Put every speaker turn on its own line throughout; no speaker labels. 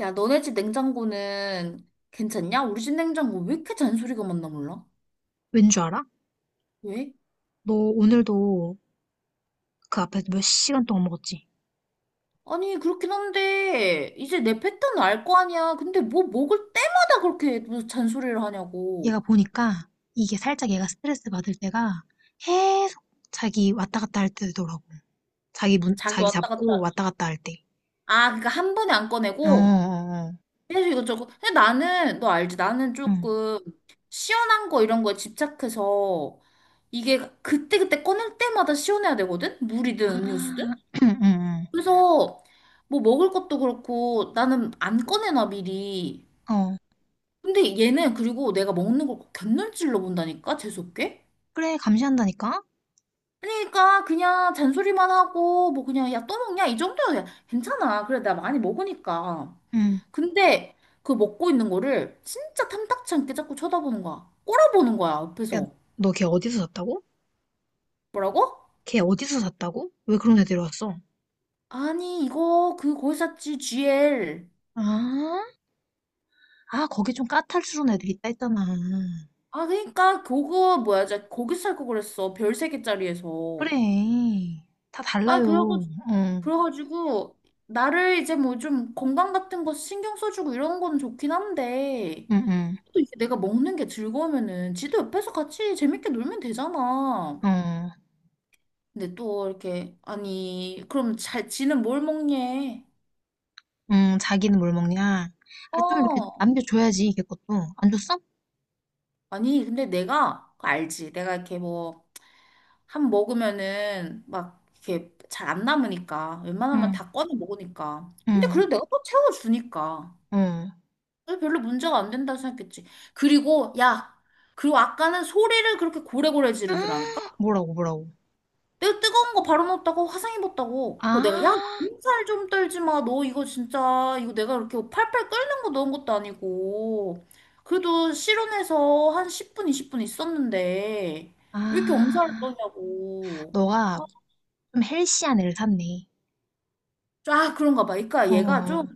야, 너네 집 냉장고는 괜찮냐? 우리 집 냉장고 왜 이렇게 잔소리가 많나 몰라?
왠 줄 알아?
왜?
너 오늘도 그 앞에서 몇 시간 동안 먹었지?
아니, 그렇긴 한데, 이제 내 패턴을 알 거 아니야. 근데 뭐 먹을 때마다 그렇게 무슨 잔소리를
얘가
하냐고.
보니까 이게 살짝 얘가 스트레스 받을 때가 계속 자기 왔다 갔다 할 때더라고.
자기
자기
왔다
잡고
갔다.
왔다 갔다 할 때.
아, 그러니까 한 번에 안
어, 어,
꺼내고,
어.
계속 이것저것. 근데 나는, 너 알지? 나는
응.
조금 시원한 거 이런 거에 집착해서, 이게 그때그때 꺼낼 때마다 시원해야 되거든? 물이든 음료수든?
아, 응, 응,
그래서 뭐 먹을 것도 그렇고 나는 안 꺼내놔 미리.
응. 어.
근데 얘는, 그리고 내가 먹는 걸 곁눈질로 본다니까, 재수없게.
그래, 감시한다니까?
아니, 그러니까 그냥 잔소리만 하고, 뭐 그냥, 야 또 먹냐, 이 정도야. 괜찮아, 그래, 나 많이 먹으니까.
응.
근데 그 먹고 있는 거를 진짜 탐탁치 않게 자꾸 쳐다보는 거야, 꼬라보는 거야
야,
옆에서.
너 걔 어디서 샀다고?
뭐라고?
걔 어디서 샀다고? 왜 그런 애들이 왔어?
아니, 이거 그 거기 샀지, GL.
아, 아, 거기 좀 까탈스러운 애들이 있다 했잖아.
아, 그러니까 그거 뭐야, 저 거기 살 거 그랬어, 별 세 개짜리에서.
그래. 다
아,
달라요.
그러고,
어.
그래가지고, 나를 이제 뭐 좀 건강 같은 거 신경 써주고 이런 건 좋긴 한데,
응응.
또 이제 내가 먹는 게 즐거우면은 지도 옆에서 같이 재밌게 놀면 되잖아.
어.
근데 또 이렇게, 아니, 그럼 잘, 지는 뭘 먹냐?
응, 자기는 뭘 먹냐? 아, 좀 이렇게
어,
남겨줘야지, 걔 것도. 안 줬어?
아니, 근데 내가 그거 알지. 내가 이렇게 뭐, 한 먹으면은 막 이렇게 잘 안 남으니까. 웬만하면
응,
다 꺼내 먹으니까. 근데
응,
그래도 내가 또 채워주니까.
어.
그래서 별로 문제가 안 된다고 생각했지. 그리고, 야, 그리고 아까는 소리를 그렇게 고래고래 지르더라니까?
뭐라고, 뭐라고.
내가 뜨거운 거 바로 넣었다고 화상 입었다고. 그리고 내가, 야,
아,
몸살 좀 떨지 마. 너 이거 진짜, 이거 내가 이렇게 팔팔 끓는 거 넣은 것도 아니고. 그래도 실온에서 한 10분, 20분 있었는데, 왜 이렇게 엄살을
아.
떠냐고.
너가
막,
좀 헬시한 애를 샀네.
아, 그런가 봐. 그러니까
어,
얘가 좀
어,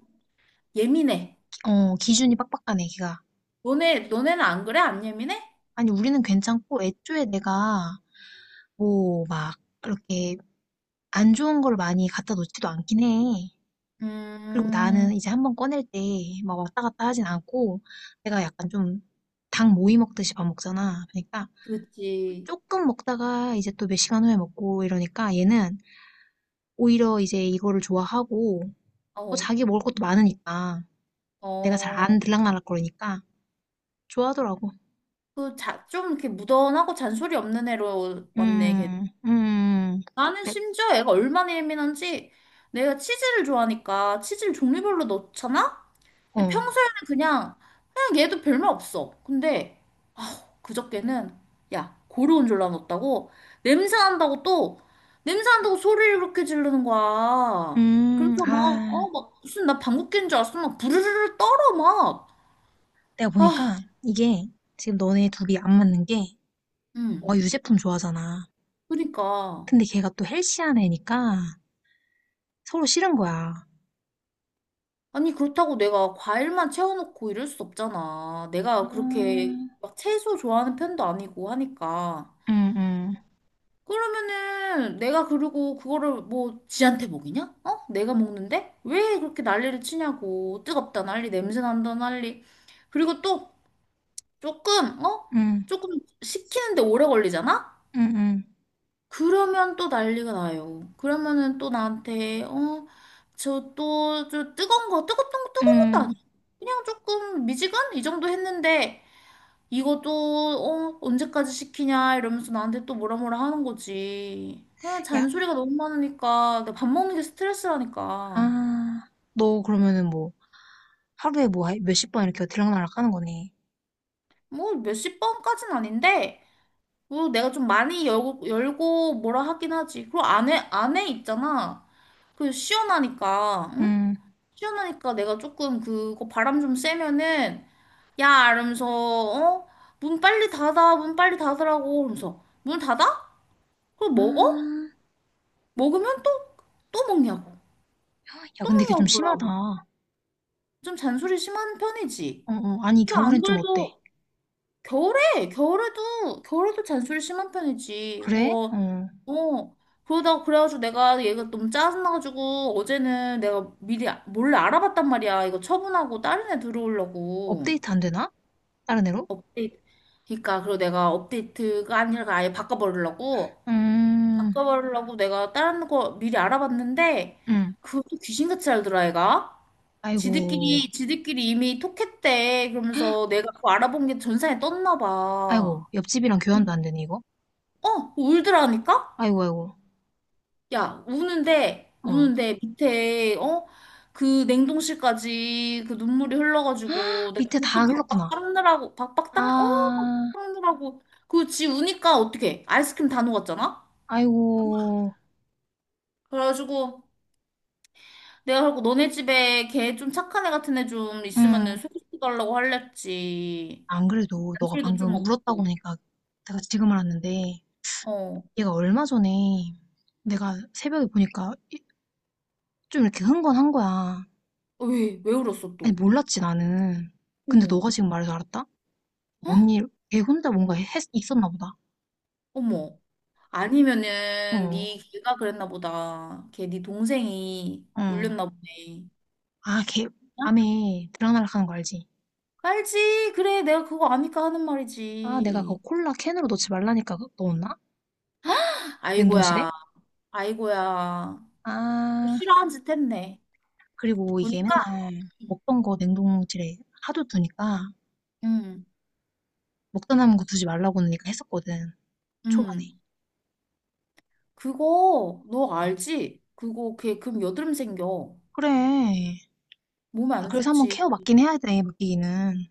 예민해.
어, 기준이 빡빡하네, 걔가.
너네는 안 그래? 안 예민해?
아니, 우리는 괜찮고, 애초에 내가, 뭐, 막, 이렇게, 안 좋은 걸 많이 갖다 놓지도 않긴 해. 그리고
음,
나는 이제 한번 꺼낼 때 막 왔다 갔다 하진 않고, 내가 약간 좀 닭 모이 먹듯이 밥 먹잖아. 그러니까
그치.
조금 먹다가 이제 또 몇 시간 후에 먹고 이러니까 얘는 오히려 이제 이거를 좋아하고, 또
어,
자기 먹을 것도 많으니까 내가 잘
어,
안 들락날락 거리니까 좋아하더라고.
그 자, 좀 이렇게 무던하고 잔소리 없는 애로 왔네, 걔.
음, 음,
나는
내,
심지어 애가 얼마나 예민한지, 내가 치즈를 좋아하니까 치즈를 종류별로 넣잖아? 근데
어,
평소에는 그냥, 그냥 얘도 별말 없어. 근데 그저께는, 야, 고르곤졸라 넣었다고? 냄새 난다고 또, 냄새 난다고 소리를 그렇게 지르는 거야.
음,
그래서 막,
아,
어, 막, 무슨 나 방귀 뀐줄 알았어. 막 부르르르 떨어, 막.
내가 보니까 이게 지금 너네 둘이 안 맞는 게, 와,
응,
유제품 좋아하잖아.
그러니까.
근데 걔가 또 헬시한 애니까 서로 싫은 거야.
아니, 그렇다고 내가 과일만 채워놓고 이럴 수 없잖아. 내가 그렇게
음,
막 채소 좋아하는 편도 아니고 하니까.
응, 응,
그러면은 내가, 그리고 그거를 뭐 지한테 먹이냐? 어? 내가 먹는데? 왜 그렇게 난리를 치냐고. 뜨겁다 난리, 냄새 난다 난리. 그리고 또 조금, 어?
응,
조금 식히는데 오래 걸리잖아?
응, 응,
그러면 또 난리가 나요. 그러면은 또 나한테, 어, 저 또, 저 뜨거운 거, 뜨겁던 거, 뜨거운 것도
응.
아니야. 그냥 조금 미지근? 이 정도 했는데, 이것도, 어, 언제까지 시키냐, 이러면서 나한테 또 뭐라 뭐라 하는 거지. 그냥
야,
잔소리가 너무 많으니까, 내가 밥 먹는 게 스트레스라니까.
아, 너 그러면은 뭐, 하루에 뭐, 몇십 번 이렇게 들락날락 하는 거네.
뭐 몇십 번까진 아닌데, 뭐 내가 좀 많이 열고, 열고 뭐라 하긴 하지. 그리고 안에 있잖아. 그 시원하니까. 응?
응,
시원하니까 내가 조금 그거 바람 좀 쐬면은, 야 이러면서, 어? 문 빨리 닫아, 문 빨리 닫으라고 그러면서. 문 닫아? 그럼 먹어?
아,
먹으면 또, 또 먹냐고,
야,
또
근데 이게
먹냐고
좀 심하다.
뭐라고.
어,
좀 잔소리 심한 편이지.
어, 아니,
그래서 안
겨울엔 좀 어때?
그래도 겨울에, 겨울에도 잔소리 심한 편이지
그래?
뭐.
어,
어, 그러다가 그래가지고 내가, 얘가 너무 짜증나가지고 어제는 내가 미리 몰래 알아봤단 말이야, 이거 처분하고 다른 애 들어오려고.
업데이트 안 되나? 다른 애로?
업데이트. 그러니까, 그리고 내가 업데이트가 아니라 아예 바꿔버리려고,
음,
내가 다른 거 미리 알아봤는데,
응.
그것도 귀신같이 알더라, 애가.
아이고,
지들끼리 이미 톡했대. 그러면서 내가 그거 알아본 게 전산에 떴나
아이고,
봐.
옆집이랑 교환도
음,
안 되네, 이거?
어, 울더라니까?
아이고, 아이고,
야, 우는데,
어.
우는데 밑에, 어? 그 냉동실까지 그 눈물이 흘러가지고, 내가
밑에 다
그것도 박박
흘렀구나.
닦느라고, 박박 닦, 어?
아,
박박 닦느라고. 그 지 우니까 어떡해. 아이스크림 다 녹았잖아?
아이고,
그래가지고, 내가 그고 너네 집에 걔 좀 착한 애 같은 애 좀
응.
있으면은 소개시켜달라고 할랬지.
안 그래도 너가
잔소리도 좀
방금 울었다고
없고.
하니까 내가 지금 알았는데,
어.
얘가 얼마 전에 내가 새벽에 보니까 좀 이렇게 흥건한 거야.
왜, 왜 울었어
아니,
또?
몰랐지 나는. 근데
어.
너가 지금 말해서 알았다?
어?
뭔 일? 걔 혼자 뭔가 했, 있었나 보다.
어머. 아니면은
어.
네 걔가 그랬나 보다. 걔 네 동생이
어.
울렸나 보네.
아, 걔
어?
밤에 들락날락 하는 거 알지?
알지? 그래, 내가 그거 아니까 하는
아, 내가 그
말이지.
콜라 캔으로 넣지 말라니까 그거 넣었나? 냉동실에?
아이고야, 아이고야.
아,
싫어한 짓 했네.
그리고 이게
보니까,
맨날 먹던 거 냉동실에 하도 두니까,
응,
먹다 남은 거 두지 말라고 하니까 했었거든. 초반에.
응. 그거 너 알지? 그거 걔 금 여드름 생겨.
그래.
몸에
아,
안
그래서 한번 케어
좋지.
맡긴 해야 돼, 맡기기는.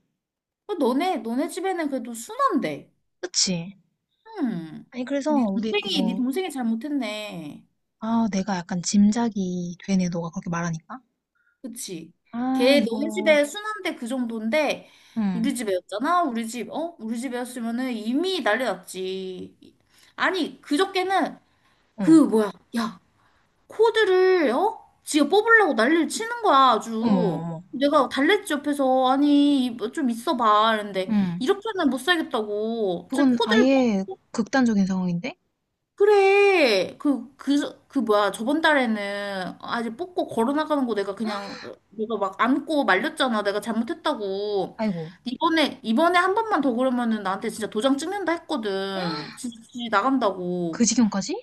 어, 너네 집에는 그래도 순한데.
그치?
응.
아니, 그래서
네
우리
동생이 네
그거,
동생이 잘못했네.
내가 약간 짐작이 되네, 너가 그렇게 말하니까.
그치.
아,
걔 너희
이거,
집에 순한데 그 정도인데,
응,
우리 집에였잖아. 우리 집, 어? 우리 집에였으면은 이미 난리 났지. 아니 그저께는, 그
응,
뭐야? 야, 코드를, 어? 지가 뽑으려고 난리를 치는 거야
어머, 어머,
아주.
어머,
내가 달랬지, 옆에서, 아니 뭐 좀 있어봐, 이랬는데,
응.
이렇게는 못 살겠다고 제
그건
코드를.
아예 극단적인 상황인데?
그래. 그 뭐야. 저번 달에는 아직 뽑고 걸어나가는 거 내가 그냥, 내가 막 안고 말렸잖아. 내가 잘못했다고.
아이고,
이번에 한 번만 더 그러면은 나한테 진짜 도장 찍는다 했거든. 진짜 나간다고.
그 지경까지?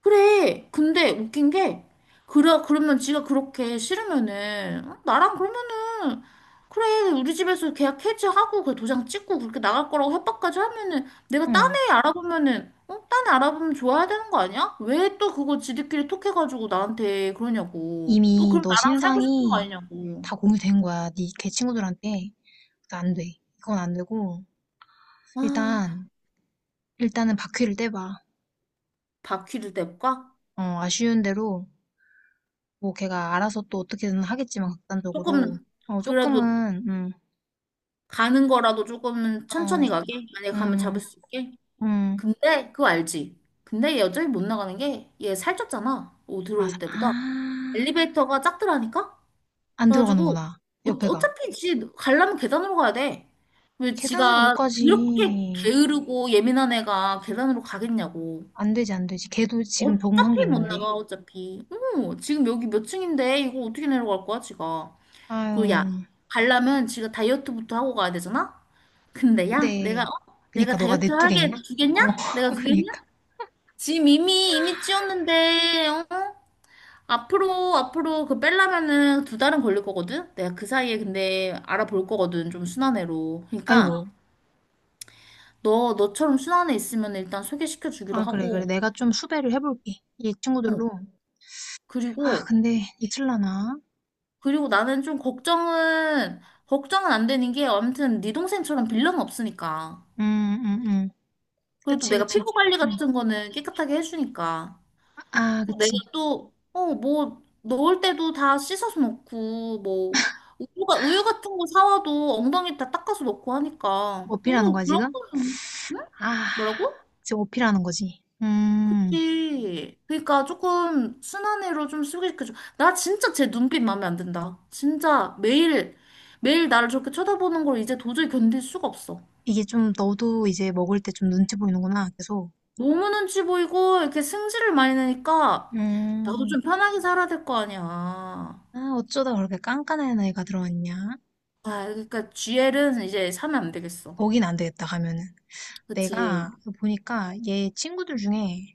그래. 근데 웃긴 게, 그러면 지가 그렇게 싫으면은, 어, 나랑 그러면은, 그래, 우리 집에서 계약 해지하고, 그 도장 찍고, 그렇게 나갈 거라고 협박까지 하면은, 내가 딴
응.
애 알아보면은, 어, 딴 애 알아보면 좋아야 되는 거 아니야? 왜 또 그거 지들끼리 톡해가지고 나한테 그러냐고. 또
이미
그럼
너
나랑 살고 싶은 거
신상이
아니냐고.
다 공유된 거야, 니 걔 친구들한테. 그러니까 안 돼. 이건 안 되고,
아,
일단, 일단은 바퀴를 떼봐.
바퀴를 댈까?
어, 아쉬운 대로 뭐 걔가 알아서 또 어떻게든 하겠지만, 극단적으로
조금,
어
그래도
조금은
가는 거라도 조금은 천천히 가게? 만약에 가면 잡을 수 있게?
음어음음아아 안
근데 그거 알지? 근데 여전히 못 나가는 게, 얘 살쪘잖아. 오, 들어올 때보다 엘리베이터가 작더라니까. 그래가지고,
들어가는구나,
어,
옆에가.
어차피 지 가려면 계단으로 가야 돼. 왜
계단으로 못
지가 그렇게
가지.
게으르고 예민한 애가 계단으로 가겠냐고.
안 되지, 안 되지. 걔도 지금 적응한 게
어차피 못
있는데.
나가, 어차피. 어, 지금 여기 몇 층인데 이거 어떻게 내려갈 거야 지가. 그리고 야,
아유.
가려면 지가 다이어트부터 하고 가야 되잖아. 근데 야, 내가,
근데
어? 내가
그니까 너가 내
다이어트
뚜겠냐
하게
어
주겠냐? 내가
그니까.
주겠냐? 지금 이미 찌웠는데, 어? 앞으로 그 빼려면은 두 달은 걸릴 거거든. 내가 그 사이에 근데 알아볼 거거든, 좀 순한 애로.
아이고.
그러니까 너, 너처럼 순한 애 있으면 일단 소개시켜 주기로
아, 그래, 그래,
하고.
내가 좀 수배를 해볼게, 이
어,
친구들로. 아,
그리고
근데 이틀라나.
나는 좀 걱정은, 안 되는 게, 아무튼 네 동생처럼 빌런 없으니까.
음 음 음
그래도
그치
내가
그치
피부 관리
음.
같은 거는 깨끗하게 해주니까.
아,
어, 내가
그치.
또, 어, 뭐, 넣을 때도 다 씻어서 넣고, 뭐, 우유 같은 거 사와도 엉덩이 다 닦아서 넣고 하니까.
어필하는
뭐,
거야,
그런
지금.
거는. 응?
아,
뭐라고?
이제 어필하는 거지.
그치. 그러니까 조금 순한 애로 좀 소개시켜줘. 나 진짜 제 눈빛 마음에 안 든다. 진짜 매일, 매일 나를 저렇게 쳐다보는 걸 이제 도저히 견딜 수가 없어.
이게 좀 너도 이제 먹을 때 좀 눈치 보이는구나, 계속.
너무 눈치 보이고, 이렇게 승질을 많이 내니까, 나도 좀
음,
편하게 살아야 될 거 아니야.
어쩌다 그렇게 깐깐한 애가 들어왔냐?
아, 그러니까 GL은 이제 사면 안 되겠어.
거긴 안 되겠다, 가면은.
그치?
내가 보니까 얘 친구들 중에,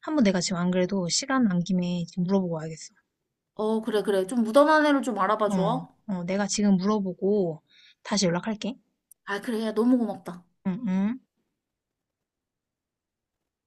한번 내가 지금 안 그래도 시간 난 김에 지금 물어보고 와야겠어.
어, 그래, 그래. 좀 무던한 애를 좀 알아봐
어,
줘.
어, 내가 지금 물어보고 다시 연락할게.
아, 그래. 야, 너무 고맙다.
응, 응.